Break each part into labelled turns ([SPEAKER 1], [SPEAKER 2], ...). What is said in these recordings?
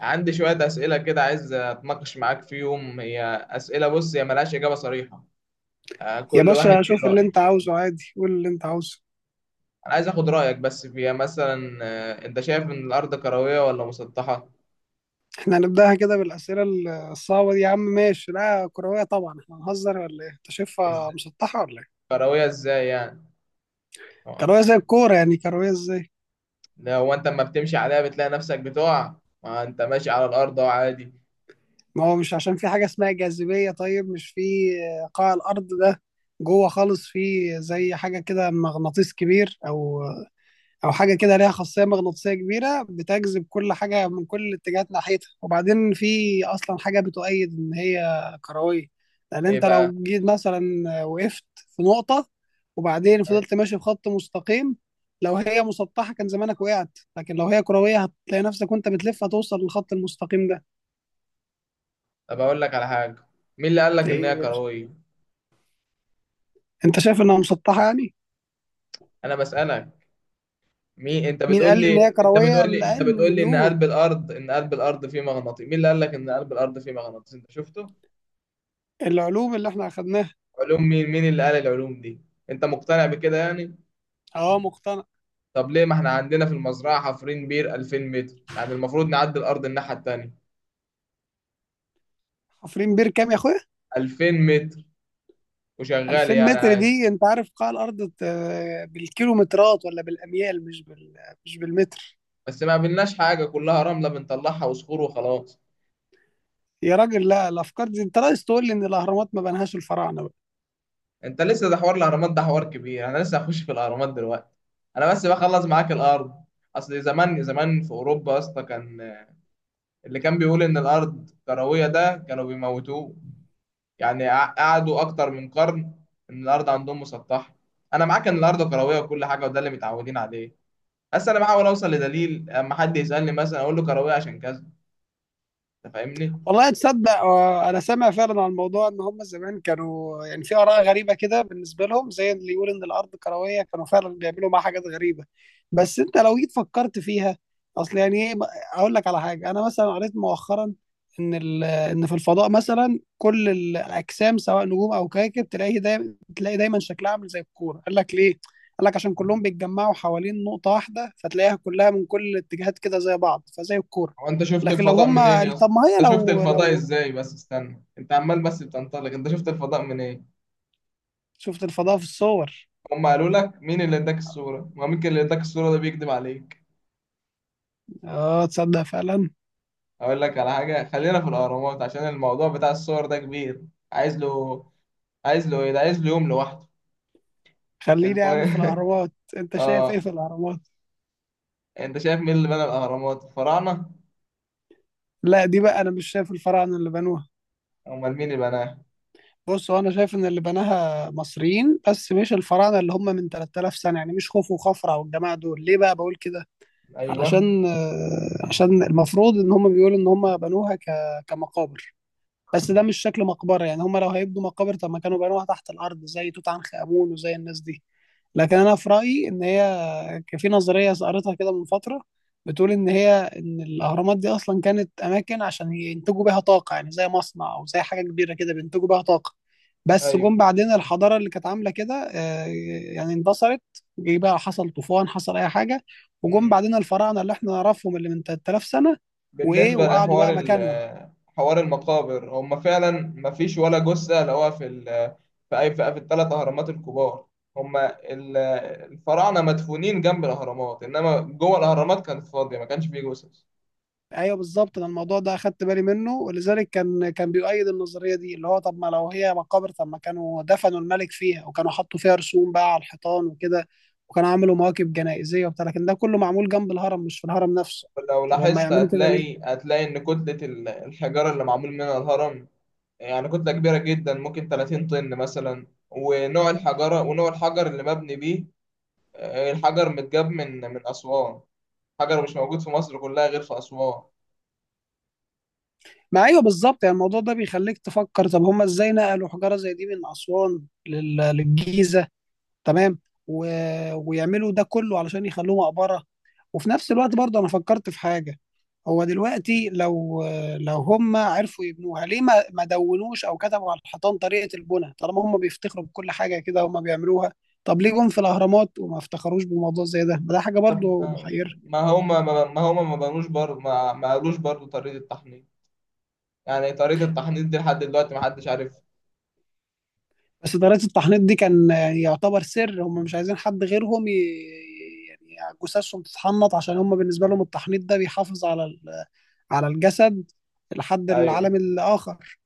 [SPEAKER 1] عندي شوية أسئلة كده، عايز أتناقش معاك فيهم. هي أسئلة، بص، هي ملهاش إجابة صريحة.
[SPEAKER 2] يا
[SPEAKER 1] كل واحد
[SPEAKER 2] باشا، شوف
[SPEAKER 1] ليه
[SPEAKER 2] اللي
[SPEAKER 1] رأي.
[SPEAKER 2] انت عاوزه عادي، قول اللي انت عاوزه.
[SPEAKER 1] أنا عايز أخد رأيك بس فيها، مثلا أنت شايف إن الأرض كروية ولا مسطحة؟
[SPEAKER 2] احنا هنبداها كده بالاسئله الصعبه دي يا عم. ماشي، لا كرويه طبعا. احنا هنهزر ولا ايه؟ انت
[SPEAKER 1] إز...
[SPEAKER 2] شايفها مسطحه ولا ايه؟
[SPEAKER 1] كروية إزاي يعني؟ آه،
[SPEAKER 2] كرويه زي الكوره يعني. كرويه ازاي؟
[SPEAKER 1] ده هو أنت أما بتمشي عليها بتلاقي نفسك بتقع. ما أنت ماشي على الأرض أهو عادي.
[SPEAKER 2] ما هو مش عشان في حاجه اسمها جاذبيه؟ طيب، مش في قاع الارض ده، جوه خالص، في زي حاجه كده، مغناطيس كبير او حاجه كده ليها خاصيه مغناطيسيه كبيره بتجذب كل حاجه من كل الاتجاهات ناحيتها، وبعدين في اصلا حاجه بتؤيد ان هي كرويه. لان
[SPEAKER 1] إيه
[SPEAKER 2] انت
[SPEAKER 1] بقى؟
[SPEAKER 2] لو جيت مثلا وقفت في نقطه وبعدين
[SPEAKER 1] آه،
[SPEAKER 2] فضلت ماشي في خط مستقيم، لو هي مسطحه كان زمانك وقعت، لكن لو هي كرويه هتلاقي نفسك وانت بتلف هتوصل للخط المستقيم ده.
[SPEAKER 1] طب أقول لك على حاجة. مين اللي قال لك إن
[SPEAKER 2] ايه يا
[SPEAKER 1] هي
[SPEAKER 2] باشا؟
[SPEAKER 1] كروية؟
[SPEAKER 2] انت شايف انها مسطحه يعني؟
[SPEAKER 1] أنا بسألك. مين؟ انت
[SPEAKER 2] مين قال
[SPEAKER 1] بتقول
[SPEAKER 2] لي
[SPEAKER 1] لي
[SPEAKER 2] ان هي
[SPEAKER 1] انت
[SPEAKER 2] كرويه؟
[SPEAKER 1] بتقول لي انت
[SPEAKER 2] العلم
[SPEAKER 1] بتقول
[SPEAKER 2] اللي
[SPEAKER 1] لي ان
[SPEAKER 2] بيقول،
[SPEAKER 1] قلب الارض ان قلب الارض فيه مغناطيس. مين اللي قال لك ان قلب الارض فيه مغناطيس؟ انت شفته؟
[SPEAKER 2] العلوم اللي احنا اخدناها.
[SPEAKER 1] علوم مين اللي قال العلوم دي؟ انت مقتنع بكده يعني؟
[SPEAKER 2] اه، مقتنع.
[SPEAKER 1] طب ليه، ما احنا عندنا في المزرعه حفرين بير 2000 متر، يعني المفروض نعدي الارض الناحيه التانيه.
[SPEAKER 2] حفرين بير كام يا اخويا؟
[SPEAKER 1] 2000 متر وشغال
[SPEAKER 2] 2000
[SPEAKER 1] يعني
[SPEAKER 2] متر
[SPEAKER 1] عادي.
[SPEAKER 2] دي، انت عارف قاع الارض بالكيلومترات ولا بالاميال، مش بالمتر.
[SPEAKER 1] بس ما قابلناش حاجه، كلها رمله بنطلعها وصخور وخلاص.
[SPEAKER 2] يا راجل، لا، الافكار دي، انت عايز تقول لي ان الاهرامات ما بنهاش الفراعنه؟
[SPEAKER 1] انت لسه؟ ده حوار الاهرامات ده حوار كبير، انا لسه هخش في الاهرامات دلوقتي. انا بس بخلص معاك الارض. اصل زمان زمان في اوروبا يا اسطى كان اللي كان بيقول إن الأرض كروية ده كانوا بيموتوه. يعني قعدوا أكتر من قرن إن الأرض عندهم مسطحة. أنا معاك إن الأرض كروية وكل حاجة، وده اللي متعودين عليه. بس أنا بحاول أوصل لدليل، أما حد يسألني مثلا أقول له كروية عشان كذا. أنت فاهمني؟
[SPEAKER 2] والله تصدق، انا سامع فعلا عن الموضوع ان هم زمان كانوا يعني في اراء غريبه كده بالنسبه لهم، زي اللي يقول ان الارض كرويه كانوا فعلا بيعملوا معاها حاجات غريبه. بس انت لو جيت فكرت فيها، اصل يعني ايه؟ اقول لك على حاجه، انا مثلا قريت مؤخرا ان ان في الفضاء مثلا كل الاجسام، سواء نجوم او كواكب، تلاقي دايما شكلها عامل زي الكوره. قال لك ليه؟ قال لك عشان كلهم بيتجمعوا حوالين نقطه واحده، فتلاقيها كلها من كل الاتجاهات كده زي بعض، فزي الكوره.
[SPEAKER 1] هو أنت شفت
[SPEAKER 2] لكن لو
[SPEAKER 1] الفضاء
[SPEAKER 2] هم،
[SPEAKER 1] منين يا اسطى؟
[SPEAKER 2] طب ما هي،
[SPEAKER 1] أنت شفت
[SPEAKER 2] لو
[SPEAKER 1] الفضاء
[SPEAKER 2] لو
[SPEAKER 1] إزاي؟ بس استنى، أنت عمال بس بتنطلق. أنت شفت الفضاء منين؟
[SPEAKER 2] شفت الفضاء في الصور.
[SPEAKER 1] هم قالوا لك. مين اللي اداك الصورة؟ ما ممكن اللي اداك الصورة ده بيكذب عليك.
[SPEAKER 2] اه، تصدق فعلا.
[SPEAKER 1] أقول لك على حاجة، خلينا في الأهرامات، عشان الموضوع بتاع الصور ده كبير، عايز له عايز له ايه؟ ده عايز له يوم لوحده.
[SPEAKER 2] خليني يا عم في
[SPEAKER 1] المهم.
[SPEAKER 2] الاهرامات. انت شايف ايه
[SPEAKER 1] اه،
[SPEAKER 2] في الاهرامات؟
[SPEAKER 1] انت شايف مين اللي بنى الاهرامات؟ الفراعنه؟
[SPEAKER 2] لا، دي بقى انا مش شايف الفراعنه اللي بنوها.
[SPEAKER 1] امال مين اللي بناها؟
[SPEAKER 2] بص، هو انا شايف ان اللي بناها مصريين بس مش الفراعنه اللي هم من 3000 سنه، يعني مش خوفو وخفرع والجماعه دول. ليه بقى بقول كده؟
[SPEAKER 1] ايوه.
[SPEAKER 2] علشان آه، عشان المفروض ان هم بيقولوا ان هم بنوها كمقابر. بس ده مش شكل مقبره، يعني هم لو هيبنوا مقابر طب ما كانوا بنوها تحت الارض زي توت عنخ امون وزي الناس دي. لكن انا في رايي ان هي، كان في نظريه قريتها كده من فتره بتقول ان الاهرامات دي اصلا كانت اماكن عشان ينتجوا بيها طاقه، يعني زي مصنع او زي حاجه كبيره كده بينتجوا بيها طاقه. بس
[SPEAKER 1] ايوه.
[SPEAKER 2] جم بعدين الحضاره اللي كانت عامله كده يعني اندثرت. جه بقى، حصل طوفان، حصل اي حاجه، وجم
[SPEAKER 1] مم.
[SPEAKER 2] بعدين الفراعنه اللي احنا نعرفهم اللي من 3000 سنه، وايه،
[SPEAKER 1] بالنسبه
[SPEAKER 2] وقعدوا
[SPEAKER 1] لحوار
[SPEAKER 2] بقى مكانهم.
[SPEAKER 1] حوار المقابر، هم فعلا ما فيش ولا جثه لقوها في في اي، في الثلاث اهرامات الكبار. هم الفراعنه مدفونين جنب الاهرامات، انما جوه الاهرامات كانت فاضيه، ما كانش فيه جثث.
[SPEAKER 2] ايوه، بالظبط، انا الموضوع ده اخدت بالي منه، ولذلك كان بيؤيد النظريه دي، اللي هو طب ما لو هي مقابر طب ما كانوا دفنوا الملك فيها، وكانوا حطوا فيها رسوم بقى على الحيطان وكده، وكانوا عملوا مواكب جنائزيه وبتاع، لكن ده كله معمول جنب الهرم مش في الهرم نفسه.
[SPEAKER 1] لو
[SPEAKER 2] طب هم
[SPEAKER 1] لاحظت
[SPEAKER 2] يعملوا كده ليه؟
[SPEAKER 1] هتلاقي ان كتله الحجاره اللي معمول منها الهرم، يعني كتلة كبيرة جدا، ممكن 30 طن مثلا، ونوع الحجارة ونوع الحجر اللي مبني بيه. الحجر متجاب من أسوان، حجر مش موجود في مصر كلها غير في أسوان.
[SPEAKER 2] ما ايوه، بالظبط، يعني الموضوع ده بيخليك تفكر، طب هم ازاي نقلوا حجاره زي دي من اسوان للجيزه؟ تمام. و... ويعملوا ده كله علشان يخلوه مقبره؟ وفي نفس الوقت برضه انا فكرت في حاجه، هو دلوقتي لو هم عرفوا يبنوها ليه ما دونوش او كتبوا على الحيطان طريقه البناء، طالما هم بيفتخروا بكل حاجه كده هم بيعملوها؟ طب ليه جم في الاهرامات وما افتخروش بموضوع زي ده؟ ما ده حاجه
[SPEAKER 1] طب
[SPEAKER 2] برضو
[SPEAKER 1] ما،
[SPEAKER 2] محيره.
[SPEAKER 1] ما هما ما بنوش برضه، ما قالوش برضه طريقة التحنيط. يعني طريقة التحنيط دي لحد دلوقتي ما حدش عارف.
[SPEAKER 2] بس طريقه التحنيط دي كان يعتبر سر، هم مش عايزين حد غيرهم يعني جثثهم تتحنط، عشان هم بالنسبه لهم التحنيط ده بيحافظ على على الجسد لحد
[SPEAKER 1] ايوه.
[SPEAKER 2] العالم الاخر.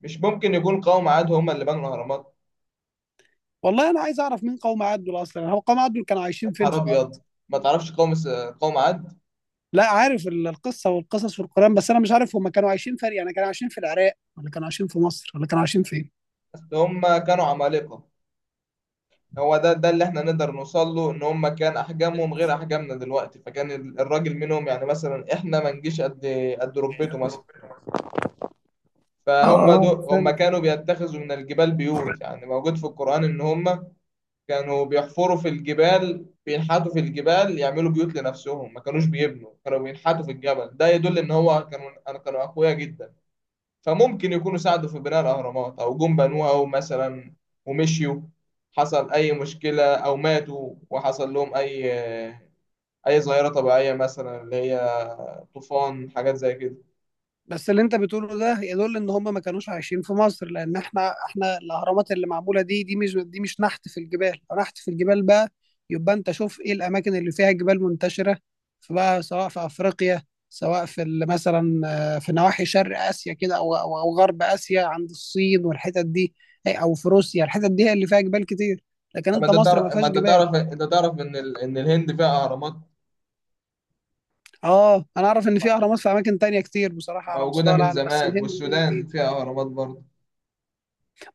[SPEAKER 1] مش ممكن يكون قوم عاد هما اللي بنوا الأهرامات؟
[SPEAKER 2] والله انا عايز اعرف مين قوم عدول اصلا. هو قوم عدول كانوا
[SPEAKER 1] يا
[SPEAKER 2] عايشين فين
[SPEAKER 1] نهار
[SPEAKER 2] في الارض؟
[SPEAKER 1] أبيض، ما تعرفش قوم عاد؟
[SPEAKER 2] لا، عارف القصه والقصص في القران، بس انا مش عارف هم كانوا عايشين فين، يعني كانوا عايشين في العراق ولا كانوا عايشين في مصر ولا كانوا عايشين فين؟
[SPEAKER 1] أصل هما كانوا عمالقة. هو ده اللي احنا نقدر نوصل له، ان هم كان احجامهم غير احجامنا دلوقتي. فكان الراجل منهم، يعني مثلا احنا ما نجيش قد ركبته مثلا.
[SPEAKER 2] اه،
[SPEAKER 1] فهم
[SPEAKER 2] أنا
[SPEAKER 1] دول هم
[SPEAKER 2] فاهم.
[SPEAKER 1] كانوا بيتخذوا من الجبال بيوت. يعني موجود في القرآن ان هم كانوا بيحفروا في الجبال، بينحتوا في الجبال، يعملوا بيوت لنفسهم، ما كانوش بيبنوا، كانوا بينحتوا في الجبل. ده يدل ان هو كانوا اقوياء جدا. فممكن يكونوا ساعدوا في بناء الأهرامات، أو جم بنوها مثلا ومشيوا، حصل أي مشكلة أو ماتوا، وحصل لهم أي ظاهرة طبيعية مثلا، اللي هي طوفان، حاجات زي كده.
[SPEAKER 2] بس اللي انت بتقوله ده يدل ان هم ما كانوش عايشين في مصر، لان احنا الاهرامات اللي معموله دي مش نحت في الجبال. لو نحت في الجبال بقى، يبقى انت شوف ايه الاماكن اللي فيها جبال منتشره، فبقى سواء في افريقيا، سواء في مثلا في نواحي شرق اسيا كده او او أو غرب اسيا عند الصين والحتت دي، او في روسيا. الحتت دي هي اللي فيها جبال كتير، لكن
[SPEAKER 1] طب
[SPEAKER 2] انت
[SPEAKER 1] أنت تعرف
[SPEAKER 2] مصر ما
[SPEAKER 1] ما
[SPEAKER 2] فيهاش
[SPEAKER 1] أنت
[SPEAKER 2] جبال.
[SPEAKER 1] تعرف أنت تعرف إن إن الهند فيها أهرامات
[SPEAKER 2] اه، انا اعرف ان في اهرامات في اماكن تانية كتير بصراحه على
[SPEAKER 1] موجودة
[SPEAKER 2] مستوى
[SPEAKER 1] من
[SPEAKER 2] العالم، بس
[SPEAKER 1] زمان.
[SPEAKER 2] الهند دي
[SPEAKER 1] والسودان
[SPEAKER 2] دي.
[SPEAKER 1] فيها أهرامات برضه.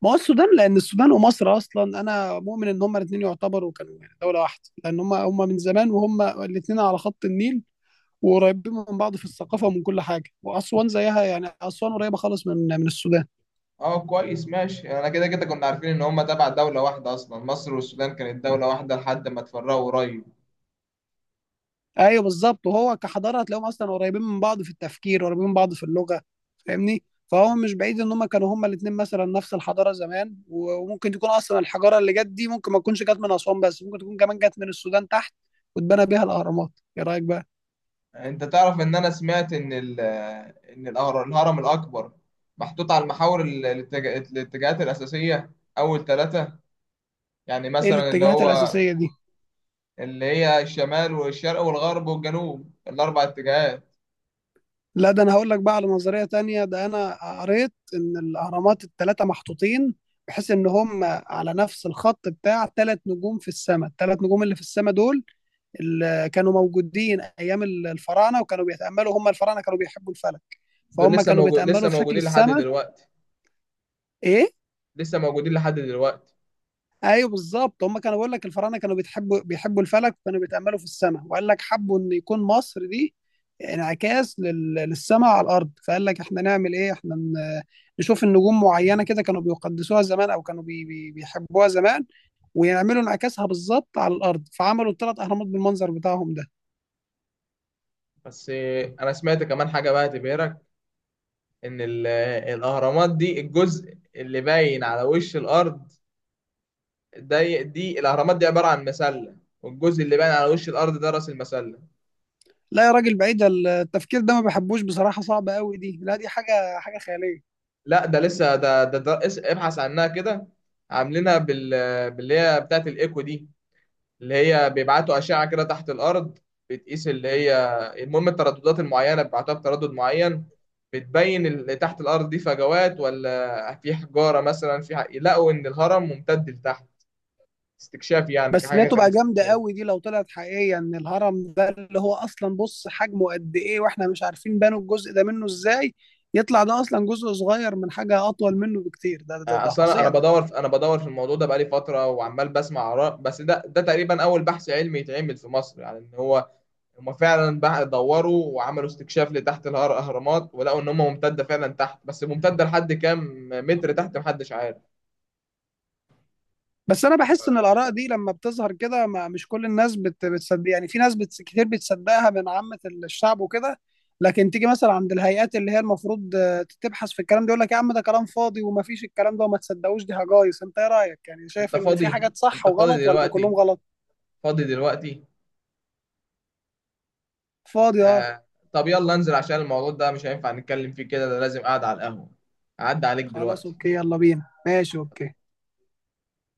[SPEAKER 2] ما هو السودان، لان السودان ومصر اصلا انا مؤمن ان هما الاثنين يعتبروا كانوا يعني دوله واحده، لان هما من زمان، وهما الاثنين على خط النيل وقريبين من بعض في الثقافه ومن كل حاجه. واسوان زيها، يعني اسوان قريبه خالص من السودان.
[SPEAKER 1] أه، كويس، ماشي. أنا كده كده كنا عارفين إن هما تبع دولة واحدة أصلا، مصر والسودان كانت دولة واحدة لحد ما اتفرقوا قريب.
[SPEAKER 2] ايوه، بالظبط، وهو كحضاره هتلاقيهم اصلا قريبين من بعض في التفكير، قريبين من بعض في اللغه. فاهمني؟ فهو مش بعيد ان هما كانوا هما الاثنين مثلا نفس الحضاره زمان، وممكن تكون اصلا الحجاره اللي جت دي ممكن ما تكونش جت من اسوان، بس ممكن تكون كمان جت من السودان تحت واتبنى بيها الاهرامات. ايه رايك بقى؟
[SPEAKER 1] انت تعرف ان انا سمعت ان الهرم الاكبر محطوط على المحاور، الاتجاهات الاساسيه، اول ثلاثه، يعني
[SPEAKER 2] ايه
[SPEAKER 1] مثلا اللي
[SPEAKER 2] الاتجاهات
[SPEAKER 1] هو،
[SPEAKER 2] الاساسيه دي؟
[SPEAKER 1] اللي هي الشمال والشرق والغرب والجنوب، الاربع اتجاهات.
[SPEAKER 2] لا، ده انا هقول لك بقى على نظريه تانية. ده انا قريت ان الاهرامات الثلاثه محطوطين بحيث ان هم على نفس الخط بتاع ثلاث نجوم في السماء. الثلاث نجوم اللي في السماء دول اللي كانوا موجودين ايام الفراعنه، وكانوا بيتاملوا، هم الفراعنه كانوا بيحبوا الفلك.
[SPEAKER 1] دول
[SPEAKER 2] فهم
[SPEAKER 1] لسه
[SPEAKER 2] كانوا
[SPEAKER 1] لسه
[SPEAKER 2] بيتاملوا في شكل
[SPEAKER 1] موجودين لحد
[SPEAKER 2] السماء.
[SPEAKER 1] دلوقتي.
[SPEAKER 2] ايه؟
[SPEAKER 1] لسه موجودين لحد دلوقتي.
[SPEAKER 2] ايوه، بالظبط. هم كانوا بيقول لك الفراعنه كانوا بيحبوا الفلك، وكانوا بيتاملوا في السماء، وقال لك حبوا ان يكون مصر دي انعكاس للسماء على الارض. فقال لك احنا نعمل ايه، احنا نشوف النجوم معينه كده كانوا بيقدسوها زمان او كانوا بيحبوها زمان، ويعملوا انعكاسها بالظبط على الارض، فعملوا الثلاث اهرامات بالمنظر بتاعهم ده.
[SPEAKER 1] بس انا سمعت كمان حاجه بقى تبهرك، ان الاهرامات دي الجزء اللي باين على وش الارض ده، الاهرامات دي عباره عن مسله، والجزء اللي باين على وش الارض ده راس المسله.
[SPEAKER 2] لا يا راجل، بعيد التفكير ده ما بحبوش بصراحه، صعب قوي دي، لا، دي حاجه خياليه.
[SPEAKER 1] لا، ده لسه، ده ابحث عنها كده. عاملينها باللي هي بتاعت الايكو دي، اللي هي بيبعتوا اشعه كده تحت الارض، بتقيس اللي هي، المهم الترددات المعينه، بيبعتوها بتردد معين، بتبين اللي تحت الارض دي فجوات ولا في حجاره مثلا، لقوا ان الهرم ممتد لتحت. استكشاف يعني،
[SPEAKER 2] بس دي
[SPEAKER 1] كحاجه كان
[SPEAKER 2] هتبقى جامدة
[SPEAKER 1] استكشاف.
[SPEAKER 2] قوي دي لو طلعت حقيقية، ان الهرم ده اللي هو اصلا، بص حجمه قد ايه واحنا مش عارفين بنوا الجزء ده منه ازاي، يطلع ده اصلا جزء صغير من حاجة اطول منه بكتير. ده ده ده
[SPEAKER 1] اصلا
[SPEAKER 2] فظيع ده.
[SPEAKER 1] انا بدور في الموضوع ده بقالي فتره وعمال بسمع اراء. بس ده تقريبا اول بحث علمي يتعمل في مصر. يعني ان هو هما فعلا بقى دوروا وعملوا استكشاف لتحت الاهرامات، ولقوا ان هما ممتده فعلا تحت، بس ممتده لحد كام متر تحت محدش عارف.
[SPEAKER 2] بس انا بحس ان الاراء دي لما بتظهر كده ما مش كل الناس بتصدق، يعني في ناس كتير بتصدقها من عامة الشعب وكده، لكن تيجي مثلا عند الهيئات اللي هي المفروض تبحث في الكلام ده يقول لك يا عم ده كلام فاضي وما فيش الكلام ده وما تصدقوش، دي هجايص. انت ايه رايك يعني؟
[SPEAKER 1] انت
[SPEAKER 2] شايف ان في
[SPEAKER 1] فاضي؟
[SPEAKER 2] حاجات صح
[SPEAKER 1] انت فاضي
[SPEAKER 2] وغلط ولا
[SPEAKER 1] دلوقتي؟
[SPEAKER 2] كلهم غلط؟
[SPEAKER 1] فاضي دلوقتي؟
[SPEAKER 2] فاضي.
[SPEAKER 1] آه. طب يلا انزل، عشان الموضوع ده مش هينفع نتكلم فيه كده، ده لازم قاعد على القهوه. اعدي عليك
[SPEAKER 2] خلاص،
[SPEAKER 1] دلوقتي.
[SPEAKER 2] اوكي، يلا بينا. ماشي، اوكي.